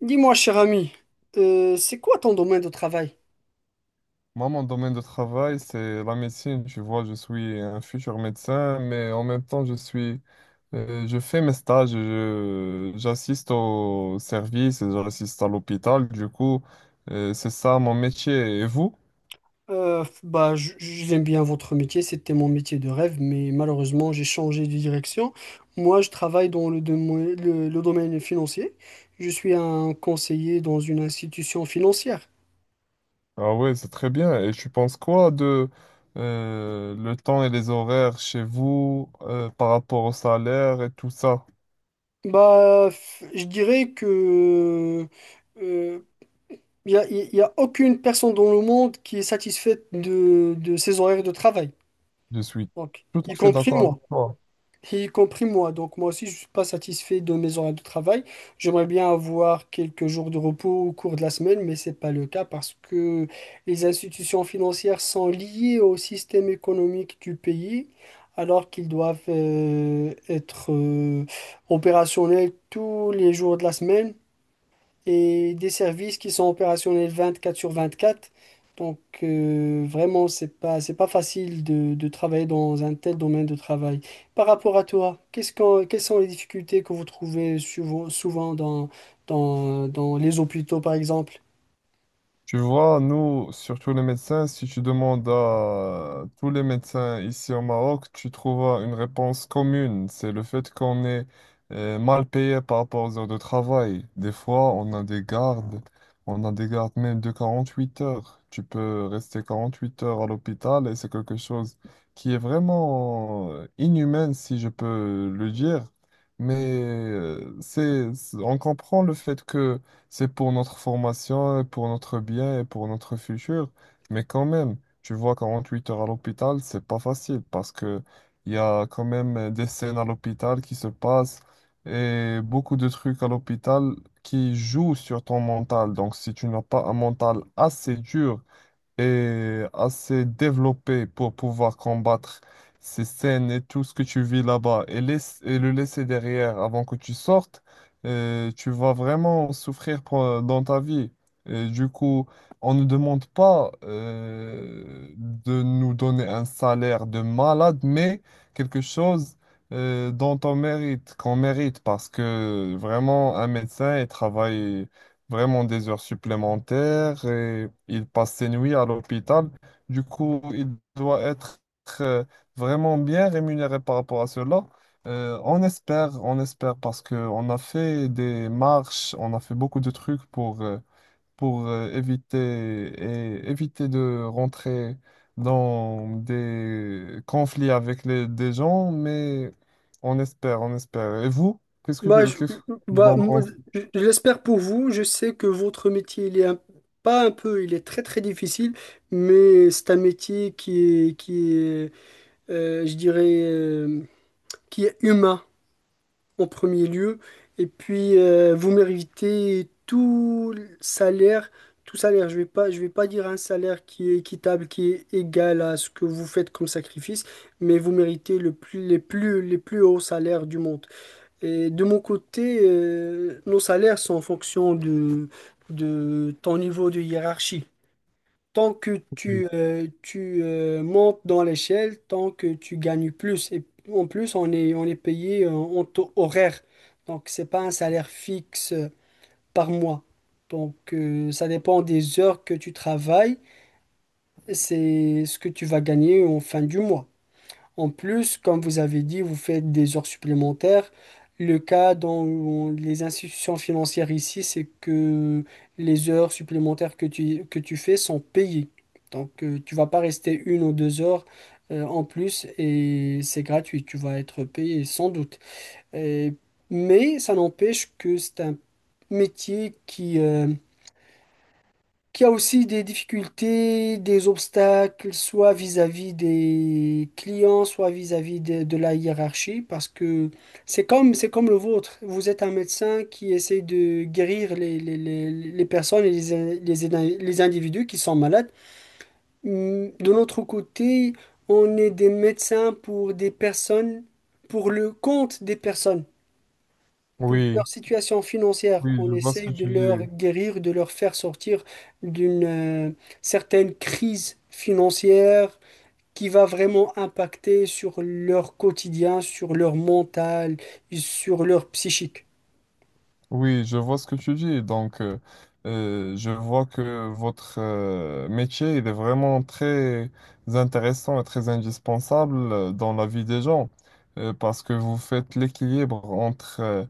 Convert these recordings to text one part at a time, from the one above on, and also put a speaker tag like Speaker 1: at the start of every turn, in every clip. Speaker 1: Dis-moi, cher ami, c'est quoi ton domaine de travail?
Speaker 2: Moi, mon domaine de travail, c'est la médecine. Tu vois, je suis un futur médecin, mais en même temps, je fais mes stages, j'assiste au service, et j'assiste à l'hôpital. Du coup, c'est ça mon métier. Et vous?
Speaker 1: Bah, j'aime bien votre métier, c'était mon métier de rêve, mais malheureusement, j'ai changé de direction. Moi, je travaille dans le domaine financier. Je suis un conseiller dans une institution financière.
Speaker 2: Ah ouais, c'est très bien. Et tu penses quoi de le temps et les horaires chez vous par rapport au salaire et tout ça?
Speaker 1: Bah, je dirais que euh, il n'y a, y a aucune personne dans le monde qui est satisfaite de ses horaires de travail,
Speaker 2: Je suis
Speaker 1: donc,
Speaker 2: tout
Speaker 1: y
Speaker 2: à fait
Speaker 1: compris
Speaker 2: d'accord
Speaker 1: moi.
Speaker 2: avec toi.
Speaker 1: Et y compris moi. Donc moi aussi, je ne suis pas satisfait de mes horaires de travail. J'aimerais bien avoir quelques jours de repos au cours de la semaine, mais ce n'est pas le cas parce que les institutions financières sont liées au système économique du pays, alors qu'ils doivent être opérationnels tous les jours de la semaine et des services qui sont opérationnels 24 sur 24. Donc vraiment, c'est pas facile de travailler dans un tel domaine de travail. Par rapport à toi, quelles sont les difficultés que vous trouvez souvent dans les hôpitaux, par exemple?
Speaker 2: Tu vois, nous, surtout les médecins, si tu demandes à tous les médecins ici au Maroc, tu trouveras une réponse commune. C'est le fait qu'on est mal payé par rapport aux heures de travail. Des fois, on a des gardes, on a des gardes même de 48 heures. Tu peux rester 48 heures à l'hôpital et c'est quelque chose qui est vraiment inhumain, si je peux le dire. On comprend le fait que c'est pour notre formation, pour notre bien et pour notre futur. Mais quand même, tu vois, 48 heures à l'hôpital, c'est pas facile parce que il y a quand même des scènes à l'hôpital qui se passent et beaucoup de trucs à l'hôpital qui jouent sur ton mental. Donc, si tu n'as pas un mental assez dur est assez développée pour pouvoir combattre ces scènes et tout ce que tu vis là-bas et le laisser derrière avant que tu sortes, tu vas vraiment dans ta vie. Et du coup, on ne demande pas de nous donner un salaire de malade, mais quelque chose dont on mérite, qu'on mérite, parce que vraiment, un médecin, il travaille vraiment des heures supplémentaires et il passe ses nuits à l'hôpital. Du coup, il doit être euh, vraiment bien rémunéré par rapport à cela. On espère, on espère parce qu'on a fait des marches, on a fait beaucoup de trucs pour éviter de rentrer dans des conflits avec des gens, mais on espère, on espère. Et vous,
Speaker 1: Bah,
Speaker 2: qu'est-ce que vous
Speaker 1: bah,
Speaker 2: en
Speaker 1: moi,
Speaker 2: pensez?
Speaker 1: je l'espère pour vous. Je sais que votre métier, il est pas un peu, il est très très difficile, mais c'est un métier qui est, je dirais, qui est humain en premier lieu. Et puis, vous méritez tout salaire. Tout salaire, je vais pas dire un salaire qui est équitable, qui est égal à ce que vous faites comme sacrifice, mais vous méritez le plus, les plus, les plus hauts salaires du monde. Et de mon côté, nos salaires sont en fonction de ton niveau de hiérarchie tant que tu montes dans l'échelle, tant que tu gagnes plus. Et en plus, on est payé en taux horaire. Donc, c'est pas un salaire fixe par mois. Donc, ça dépend des heures que tu travailles. C'est ce que tu vas gagner en fin du mois. En plus, comme vous avez dit, vous faites des heures supplémentaires. Le cas dans les institutions financières ici, c'est que les heures supplémentaires que tu fais sont payées. Donc, tu vas pas rester 1 ou 2 heures en plus et c'est gratuit. Tu vas être payé sans doute. Et- mais ça n'empêche que c'est un métier qui a aussi des difficultés, des obstacles, soit vis-à-vis des clients, soit vis-à-vis de la hiérarchie, parce que c'est comme le vôtre. Vous êtes un médecin qui essaie de guérir les personnes et les individus qui sont malades. De notre côté, on est des médecins pour des personnes, pour le compte des personnes. Pour leur
Speaker 2: Oui.
Speaker 1: situation financière,
Speaker 2: Oui,
Speaker 1: on
Speaker 2: je vois ce que
Speaker 1: essaye de
Speaker 2: tu
Speaker 1: leur
Speaker 2: dis.
Speaker 1: guérir, de leur faire sortir d'une certaine crise financière qui va vraiment impacter sur leur quotidien, sur leur mental, sur leur psychique.
Speaker 2: Oui, je vois ce que tu dis. Donc, je vois que votre métier, il est vraiment très intéressant et très indispensable dans la vie des gens, parce que vous faites l'équilibre entre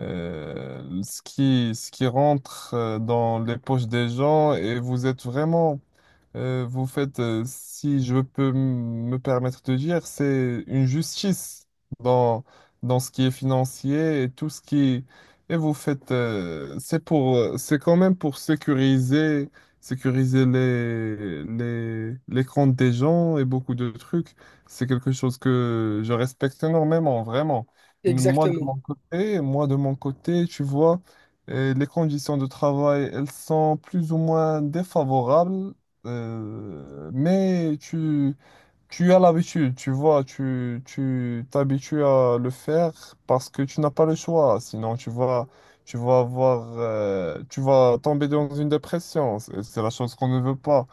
Speaker 2: ce qui rentre dans les poches des gens et vous êtes vraiment Vous faites, si je peux me permettre de dire, c'est une justice dans, dans ce qui est financier et tout ce qui... Et vous faites, c'est quand même pour sécuriser, sécuriser les comptes des gens et beaucoup de trucs. C'est quelque chose que je respecte énormément, vraiment.
Speaker 1: Exactement.
Speaker 2: Moi de mon côté, tu vois, les conditions de travail, elles sont plus ou moins défavorables, mais tu as l'habitude, tu vois, tu t'habitues à le faire parce que tu n'as pas le choix. Sinon, tu vas avoir, tu vas tomber dans une dépression. C'est la chose qu'on ne veut pas.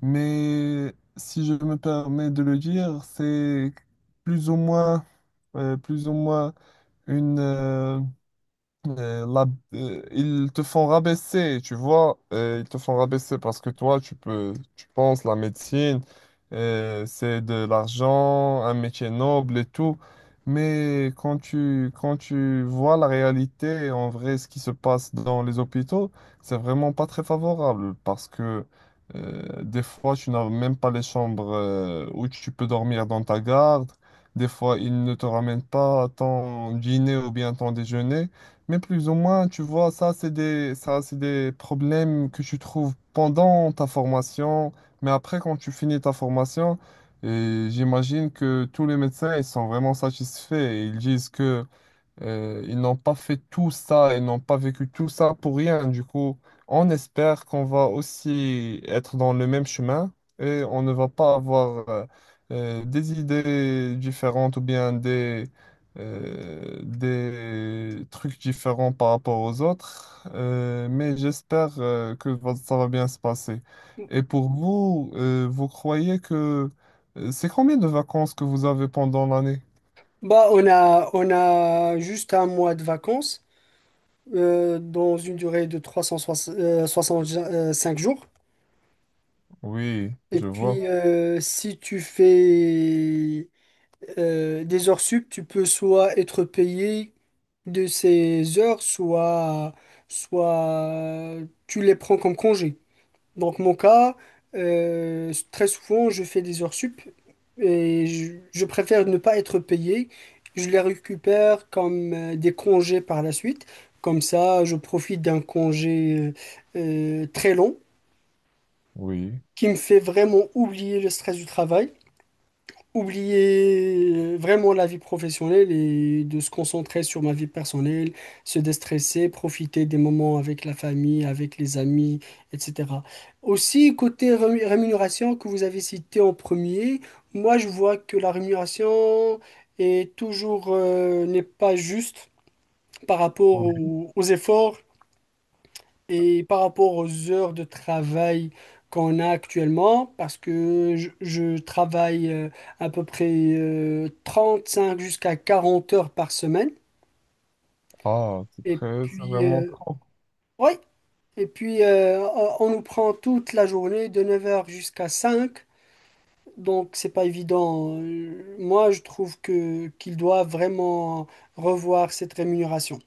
Speaker 2: Mais si je me permets de le dire, c'est plus ou moins, plus ou moins une, la- ils te font rabaisser, tu vois, ils te font rabaisser parce que toi, tu penses la médecine, c'est de l'argent, un métier noble et tout. Mais quand tu vois la réalité, en vrai, ce qui se passe dans les hôpitaux, c'est vraiment pas très favorable parce que des fois, tu n'as même pas les chambres où tu peux dormir dans ta garde. Des fois, ils ne te ramènent pas ton dîner ou bien ton déjeuner. Mais plus ou moins, tu vois, ça, c'est des problèmes que tu trouves pendant ta formation. Mais après, quand tu finis ta formation, et j'imagine que tous les médecins, ils sont vraiment satisfaits. Ils disent que ils n'ont pas fait tout ça, ils n'ont pas vécu tout ça pour rien. Du coup, on espère qu'on va aussi être dans le même chemin et on ne va pas avoir des idées différentes ou bien des trucs différents par rapport aux autres. Mais j'espère que ça va bien se passer. Et pour vous, vous croyez que... C'est combien de vacances que vous avez pendant l'année?
Speaker 1: Bah, on a juste un mois de vacances dans une durée de 365 jours.
Speaker 2: Oui,
Speaker 1: Et
Speaker 2: je vois.
Speaker 1: puis, si tu fais des heures sup, tu peux soit être payé de ces heures, soit tu les prends comme congé. Donc mon cas, très souvent, je fais des heures sup et je préfère ne pas être payé. Je les récupère comme des congés par la suite. Comme ça, je profite d'un congé très long
Speaker 2: Oui.
Speaker 1: qui me fait vraiment oublier le stress du travail, oublier vraiment la vie professionnelle et de se concentrer sur ma vie personnelle, se déstresser, profiter des moments avec la famille, avec les amis, etc. Aussi, côté rémunération que vous avez cité en premier, moi je vois que la rémunération est toujours n'est pas juste par rapport
Speaker 2: Oui.
Speaker 1: aux efforts et par rapport aux heures de travail qu'on a actuellement, parce que je travaille à peu près 5 jusqu'à 40 heures par semaine.
Speaker 2: Ah, c'est
Speaker 1: Et
Speaker 2: très, c'est
Speaker 1: puis,
Speaker 2: vraiment trop.
Speaker 1: ouais. Et puis on nous prend toute la journée de 9 heures jusqu'à 5. Donc, c'est pas évident. Moi, je trouve que qu'il doit vraiment revoir cette rémunération.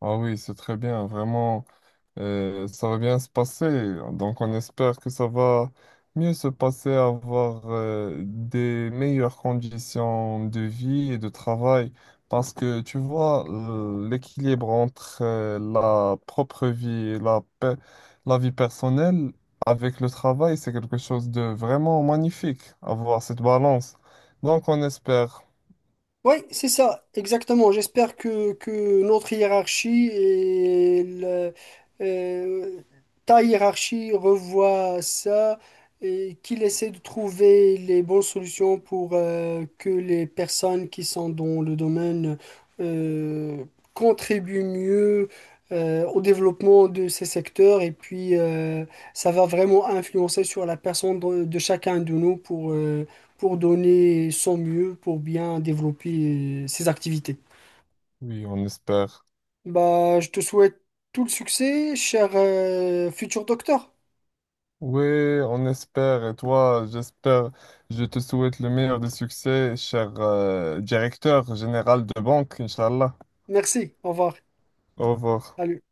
Speaker 2: Ah oui, c'est très bien, vraiment, ça va bien se passer. Donc, on espère que ça va mieux se passer, avoir des meilleures conditions de vie et de travail. Parce que, tu vois, l'équilibre entre la propre vie et la, pe- la vie personnelle avec le travail, c'est quelque chose de vraiment magnifique, avoir cette balance. Donc, on espère.
Speaker 1: Oui, c'est ça, exactement. J'espère que notre hiérarchie et euh, ta hiérarchie revoient ça et qu'il essaie de trouver les bonnes solutions pour que les personnes qui sont dans le domaine euh, contribuent mieux au développement de ces secteurs et puis ça va vraiment influencer sur la personne de chacun de nous pour donner son mieux pour bien développer ses activités.
Speaker 2: Oui, on espère.
Speaker 1: Bah, je te souhaite tout le succès, cher futur docteur.
Speaker 2: Oui, on espère. Et toi, j'espère, je te souhaite le meilleur des succès, cher directeur général de banque, Inch'Allah.
Speaker 1: Merci, au revoir.
Speaker 2: Au revoir.
Speaker 1: Salut.